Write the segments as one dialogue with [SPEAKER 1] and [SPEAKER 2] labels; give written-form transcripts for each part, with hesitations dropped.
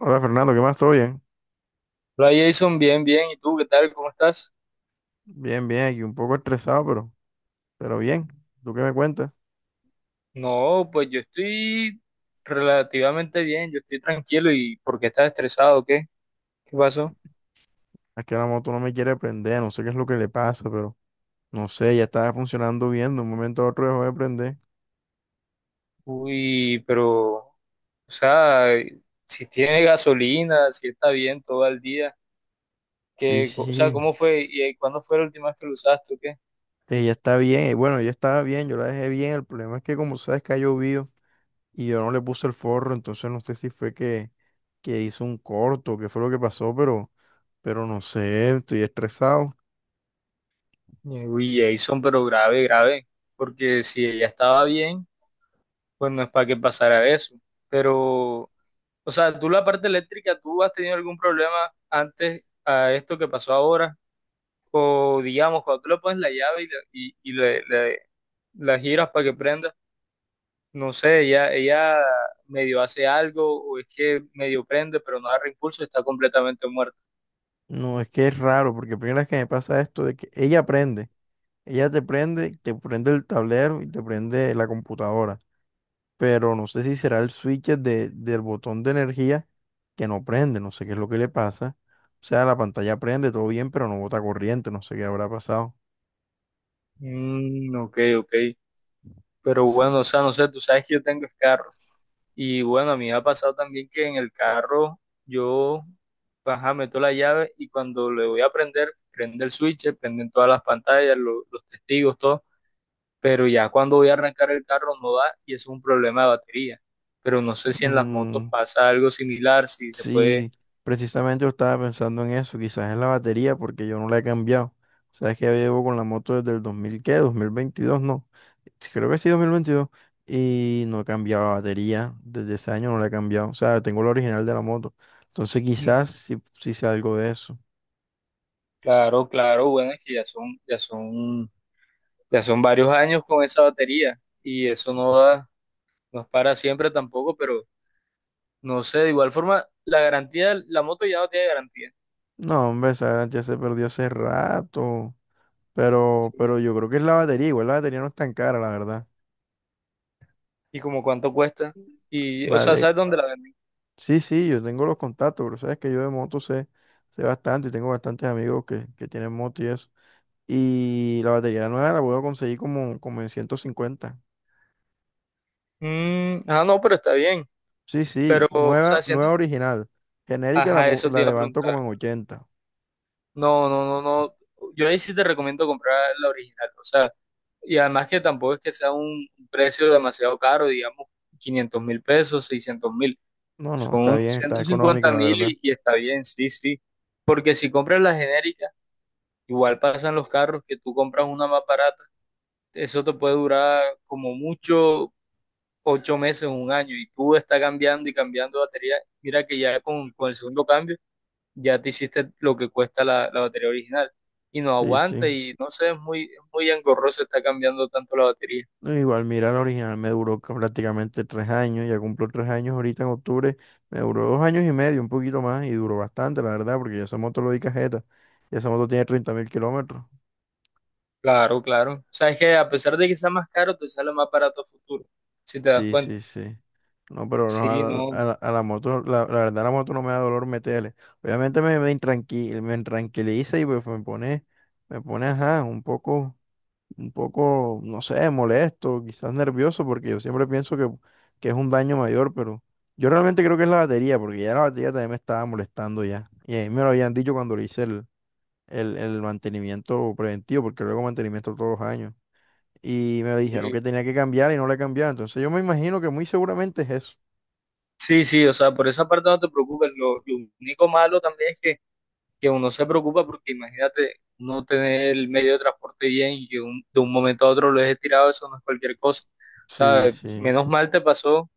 [SPEAKER 1] Hola Fernando, ¿qué más? ¿Todo bien?
[SPEAKER 2] Hola Jason, bien, bien. ¿Y tú qué tal? ¿Cómo estás?
[SPEAKER 1] Bien, bien, aquí un poco estresado, pero bien. ¿Tú qué me cuentas?
[SPEAKER 2] No, pues yo estoy relativamente bien, yo estoy tranquilo. ¿Y por qué estás estresado? ¿O qué? ¿Qué pasó?
[SPEAKER 1] Es que la moto no me quiere prender, no sé qué es lo que le pasa, pero no sé, ya estaba funcionando bien, de un momento a otro dejó de prender.
[SPEAKER 2] Uy, pero, o sea, si tiene gasolina, si está bien todo el día,
[SPEAKER 1] Sí,
[SPEAKER 2] ¿qué,
[SPEAKER 1] sí,
[SPEAKER 2] o sea,
[SPEAKER 1] sí,
[SPEAKER 2] cómo fue y cuándo fue la última vez que lo usaste o qué?
[SPEAKER 1] ella está bien. Y bueno, ella estaba bien, yo la dejé bien. El problema es que como sabes que ha llovido y yo no le puse el forro, entonces no sé si fue que hizo un corto, qué fue lo que pasó, pero no sé, estoy estresado.
[SPEAKER 2] Uy, Jason, pero grave, grave, porque si ella estaba bien, pues no es para que pasara eso. Pero, o sea, tú la parte eléctrica, ¿tú has tenido algún problema antes a esto que pasó ahora? O digamos, cuando tú le pones la llave y, la giras para que prenda, no sé, ella medio hace algo o es que medio prende, pero no agarra impulso, está completamente muerta.
[SPEAKER 1] No, es que es raro, porque primera vez que me pasa esto de que ella aprende. Ella te prende el tablero y te prende la computadora. Pero no sé si será el switch del botón de energía que no prende, no sé qué es lo que le pasa. O sea, la pantalla prende, todo bien, pero no bota corriente, no sé qué habrá pasado.
[SPEAKER 2] Mm, ok, ok. Pero
[SPEAKER 1] Sí.
[SPEAKER 2] bueno, o sea, no sé, tú sabes que yo tengo es carro. Y bueno, a mí me ha pasado también que en el carro yo, ajá, meto la llave y cuando le voy a prender, prende el switch, prenden todas las pantallas, los testigos, todo, pero ya cuando voy a arrancar el carro no da y eso es un problema de batería. Pero no sé si en las motos
[SPEAKER 1] Mm,
[SPEAKER 2] pasa algo similar, si se puede.
[SPEAKER 1] sí, precisamente yo estaba pensando en eso, quizás es la batería porque yo no la he cambiado. Sabes que ya llevo con la moto desde el 2000 ¿qué? 2022, no. Sí, creo que sí, 2022. Y no he cambiado la batería, desde ese año no la he cambiado. O sea, tengo la original de la moto. Entonces
[SPEAKER 2] Mm.
[SPEAKER 1] quizás sí, sí sea algo de eso.
[SPEAKER 2] Claro, claro, bueno, es que ya son varios años con esa batería y eso no da, no es para siempre tampoco, pero no sé, de igual forma, la garantía, la moto ya no tiene garantía.
[SPEAKER 1] No, hombre, esa garantía se perdió hace rato. Pero
[SPEAKER 2] Sí.
[SPEAKER 1] yo creo que es la batería, igual la batería no es tan cara, la verdad.
[SPEAKER 2] ¿Y como cuánto cuesta? Y, o sea,
[SPEAKER 1] Vale.
[SPEAKER 2] ¿sabes dónde la venden?
[SPEAKER 1] Sí, sí, yo tengo los contactos, pero sabes que yo de moto sé bastante y tengo bastantes amigos que tienen moto y eso. Y la batería nueva la puedo conseguir como en 150.
[SPEAKER 2] Mm, ah, no, pero está bien.
[SPEAKER 1] Sí, sí,
[SPEAKER 2] Pero, o
[SPEAKER 1] nueva,
[SPEAKER 2] sea, siento.
[SPEAKER 1] nueva original. Genérica
[SPEAKER 2] Ajá, eso te
[SPEAKER 1] la
[SPEAKER 2] iba a
[SPEAKER 1] levanto
[SPEAKER 2] preguntar.
[SPEAKER 1] como en 80.
[SPEAKER 2] No, no, no, no. Yo ahí sí te recomiendo comprar la original. O sea, y además que tampoco es que sea un precio demasiado caro, digamos, 500.000 pesos, 600.000.
[SPEAKER 1] No, no, está
[SPEAKER 2] Son
[SPEAKER 1] bien, está
[SPEAKER 2] ciento
[SPEAKER 1] económica,
[SPEAKER 2] cincuenta
[SPEAKER 1] la
[SPEAKER 2] mil
[SPEAKER 1] verdad.
[SPEAKER 2] y está bien, sí, sí. Porque si compras la genérica, igual pasan los carros que tú compras una más barata. Eso te puede durar como mucho 8 meses, un año, y tú estás cambiando y cambiando de batería, mira que ya con, el segundo cambio ya te hiciste lo que cuesta la batería original y no
[SPEAKER 1] Sí,
[SPEAKER 2] aguanta
[SPEAKER 1] sí.
[SPEAKER 2] y no sé, es muy engorroso estar cambiando tanto la batería.
[SPEAKER 1] No, igual, mira, la original me duró prácticamente 3 años, ya cumplo 3 años ahorita en octubre, me duró 2 años y medio, un poquito más, y duró bastante, la verdad, porque ya esa moto lo di cajeta, y esa moto tiene 30.000 kilómetros.
[SPEAKER 2] Claro, claro. O sea, es que a pesar de que sea más caro, te sale más barato a futuro, si te das
[SPEAKER 1] Sí,
[SPEAKER 2] cuenta.
[SPEAKER 1] sí, sí. No, pero no,
[SPEAKER 2] Sí, no.
[SPEAKER 1] a la moto, la verdad, la moto no me da dolor meterle. Obviamente me intranquiliza y pues me pone, ajá, un poco, no sé, molesto, quizás nervioso, porque yo siempre pienso que es un daño mayor, pero yo realmente creo que es la batería, porque ya la batería también me estaba molestando ya. Y a mí me lo habían dicho cuando le hice el mantenimiento preventivo, porque luego mantenimiento todos los años y me dijeron que
[SPEAKER 2] Sí,
[SPEAKER 1] tenía que cambiar y no la he cambiado. Entonces yo me imagino que muy seguramente es eso.
[SPEAKER 2] sí, sí, o sea, por esa parte no te preocupes. Lo único malo también es que uno se preocupa porque imagínate no tener el medio de transporte bien y que de un momento a otro lo dejes tirado, eso no es cualquier cosa. O
[SPEAKER 1] Sí,
[SPEAKER 2] sea,
[SPEAKER 1] sí,
[SPEAKER 2] menos mal te pasó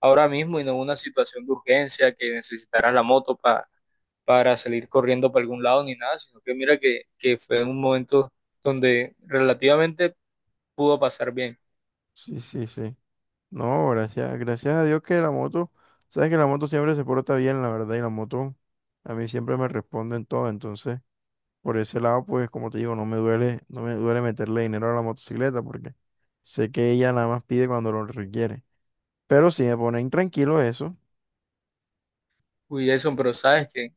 [SPEAKER 2] ahora mismo y no una situación de urgencia que necesitaras la moto para salir corriendo para algún lado ni nada, sino que mira que fue un momento donde relativamente pudo pasar bien.
[SPEAKER 1] sí, sí, sí. No, gracias a Dios que la moto, sabes que la moto siempre se porta bien, la verdad, y la moto a mí siempre me responde en todo. Entonces, por ese lado, pues como te digo, no me duele, no me duele meterle dinero a la motocicleta porque sé que ella nada más pide cuando lo requiere. Pero si me pone intranquilo eso,
[SPEAKER 2] Uy, eso, pero sabes que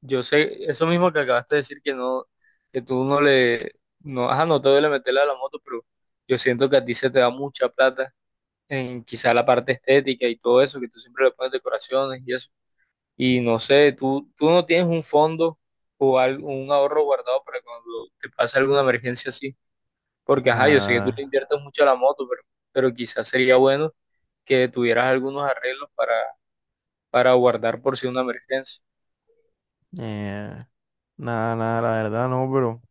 [SPEAKER 2] yo sé, eso mismo que acabaste de decir que no, que tú no le, no, ajá, no te duele meterle a la moto, pero yo siento que a ti se te da mucha plata en quizá la parte estética y todo eso, que tú siempre le pones decoraciones y eso. Y no sé, tú no tienes un fondo o algo, un ahorro guardado para cuando te pase alguna emergencia así, porque ajá, yo sé que tú le
[SPEAKER 1] nada,
[SPEAKER 2] inviertes mucho a la moto, pero, quizás sería bueno que tuvieras algunos arreglos para guardar por si una emergencia.
[SPEAKER 1] eh, nada, nada, la verdad no, pero.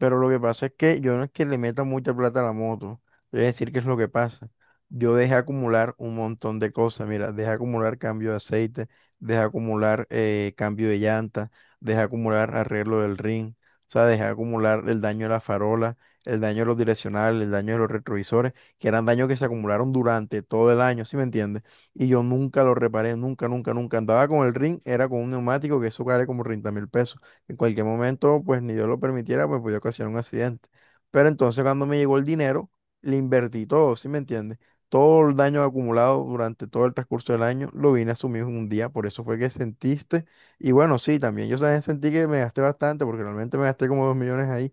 [SPEAKER 1] Pero lo que pasa es que yo no es que le meta mucha plata a la moto. Te voy a decir qué es lo que pasa. Yo dejé acumular un montón de cosas. Mira, dejé acumular cambio de aceite, dejé acumular cambio de llanta, dejé acumular arreglo del ring. O sea, dejé acumular el daño de la farola, el daño de los direccionales, el daño de los retrovisores, que eran daños que se acumularon durante todo el año, ¿sí me entiendes? Y yo nunca lo reparé, nunca, nunca, nunca. Andaba con el ring, era con un neumático que eso vale como 30.000 pesos. En cualquier momento, pues ni Dios lo permitiera, pues podía ocasionar un accidente. Pero entonces cuando me llegó el dinero, le invertí todo, ¿sí me entiendes? Todo el daño acumulado durante todo el transcurso del año lo vine a asumir en un día, por eso fue que sentiste. Y bueno, sí, también yo también sentí que me gasté bastante, porque realmente me gasté como 2 millones ahí,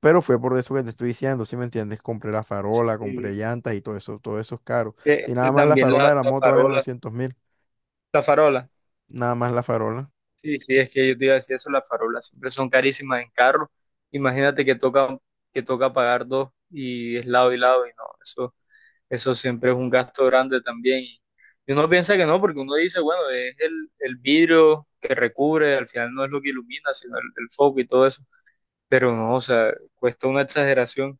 [SPEAKER 1] pero fue por eso que te estoy diciendo, ¿sí me entiendes? Compré la farola, compré
[SPEAKER 2] Y
[SPEAKER 1] llantas y todo eso es caro.
[SPEAKER 2] que,
[SPEAKER 1] Si nada
[SPEAKER 2] que
[SPEAKER 1] más la
[SPEAKER 2] también la,
[SPEAKER 1] farola de la
[SPEAKER 2] la
[SPEAKER 1] moto vale
[SPEAKER 2] farola.
[SPEAKER 1] 900.000,
[SPEAKER 2] La farola.
[SPEAKER 1] nada más la farola.
[SPEAKER 2] Sí, sí, es que yo te iba a decir eso, las farolas siempre son carísimas en carro. Imagínate que toca pagar dos y es lado y lado y no, eso siempre es un gasto grande también. Y uno piensa que no, porque uno dice, bueno, es el vidrio que recubre, al final no es lo que ilumina, sino el foco y todo eso. Pero no, o sea, cuesta una exageración.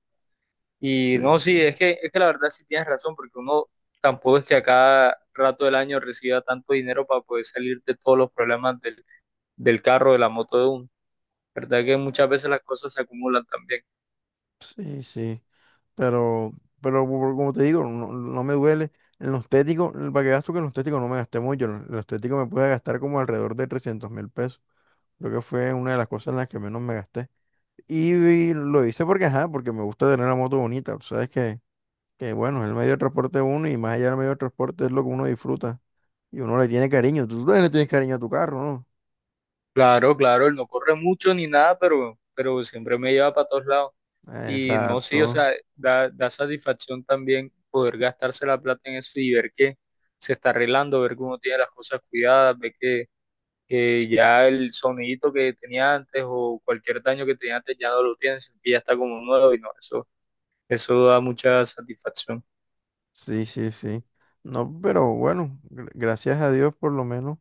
[SPEAKER 2] Y
[SPEAKER 1] Sí,
[SPEAKER 2] no,
[SPEAKER 1] sí,
[SPEAKER 2] sí, es que, la verdad sí tienes razón, porque uno tampoco es que a cada rato del año reciba tanto dinero para poder salir de todos los problemas del carro, de la moto de uno. ¿Verdad que muchas veces las cosas se acumulan también?
[SPEAKER 1] sí, sí. Pero, pero como te digo, no me duele. En los téticos, para que gasto que en los téticos no me gasté mucho. En los téticos me pude gastar como alrededor de 300.000 pesos. Creo que fue una de las cosas en las que menos me gasté. Y lo hice porque, ajá, porque me gusta tener la moto bonita. Tú sabes que, bueno, es el medio de transporte de uno y más allá del medio de transporte es lo que uno disfruta. Y uno le tiene cariño. Tú también le tienes cariño a tu carro, ¿no?
[SPEAKER 2] Claro, claro, él no corre mucho ni nada, pero, siempre me lleva para todos lados. Y no, sí, o
[SPEAKER 1] Exacto.
[SPEAKER 2] sea, da satisfacción también poder gastarse la plata en eso y ver que se está arreglando, ver que uno tiene las cosas cuidadas, ver que ya el sonidito que tenía antes o cualquier daño que tenía antes ya no lo tiene, sino que ya está como nuevo y no, eso da mucha satisfacción.
[SPEAKER 1] Sí, sí, sí. No, pero bueno, gracias a Dios por lo menos.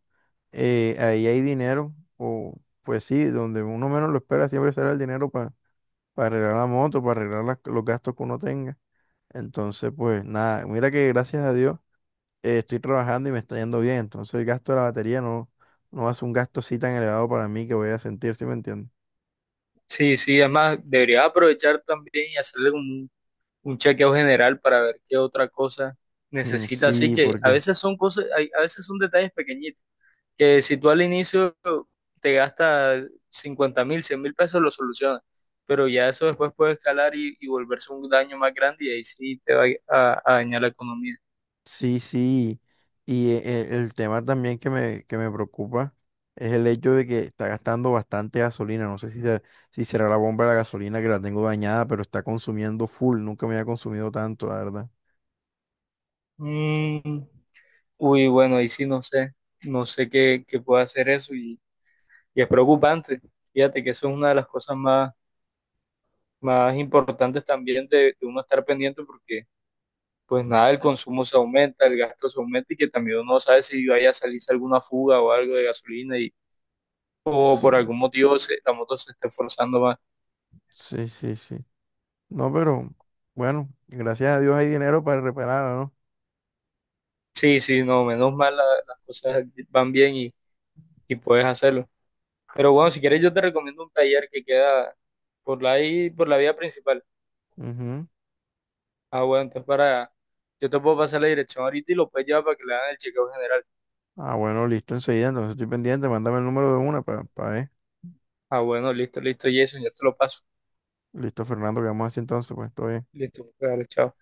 [SPEAKER 1] Ahí hay dinero, o pues sí, donde uno menos lo espera siempre será el dinero para arreglar la moto, para arreglar los gastos que uno tenga. Entonces, pues nada, mira que gracias a Dios estoy trabajando y me está yendo bien. Entonces el gasto de la batería no hace un gasto así tan elevado para mí que voy a sentir, ¿sí me entiendes?
[SPEAKER 2] Sí, sí, además debería aprovechar también y hacerle como un chequeo general para ver qué otra cosa
[SPEAKER 1] Mm,
[SPEAKER 2] necesita. Así
[SPEAKER 1] sí,
[SPEAKER 2] que a
[SPEAKER 1] porque.
[SPEAKER 2] veces son cosas, a veces son detalles pequeñitos, que si tú al inicio te gastas 50.000, 100.000 pesos, lo solucionas. Pero ya eso después puede escalar y volverse un daño más grande y ahí sí te va a, dañar la economía.
[SPEAKER 1] Sí, sí, y el tema también que me, preocupa es el hecho de que está gastando bastante gasolina. No sé si será la bomba de la gasolina que la tengo dañada, pero está consumiendo full. Nunca me había consumido tanto, la verdad.
[SPEAKER 2] Mm, uy, bueno, ahí sí no sé, no sé qué puede hacer eso y es preocupante. Fíjate que eso es una de las cosas más importantes también de uno estar pendiente porque pues nada, el consumo se aumenta, el gasto se aumenta y que también uno no sabe si vaya a salirse alguna fuga o algo de gasolina y o
[SPEAKER 1] Sí,
[SPEAKER 2] por algún motivo la moto se esté forzando más.
[SPEAKER 1] sí, sí, sí. No, pero bueno, gracias a Dios hay dinero para repararla, ¿no?
[SPEAKER 2] Sí, sí, no, menos mal las cosas van bien y puedes hacerlo. Pero
[SPEAKER 1] Sí.
[SPEAKER 2] bueno, si quieres yo te recomiendo un taller que queda por la ahí, por la vía principal.
[SPEAKER 1] Ujú.
[SPEAKER 2] Ah, bueno, entonces yo te puedo pasar la dirección ahorita y lo puedes llevar para que le hagan el chequeo general.
[SPEAKER 1] Ah, bueno, listo, enseguida. Entonces estoy pendiente. Mándame el número de una para ver.
[SPEAKER 2] Ah, bueno, listo, listo, Jason, ya te lo paso.
[SPEAKER 1] Listo, Fernando, quedamos así entonces, pues todo bien.
[SPEAKER 2] Listo, dale, chao.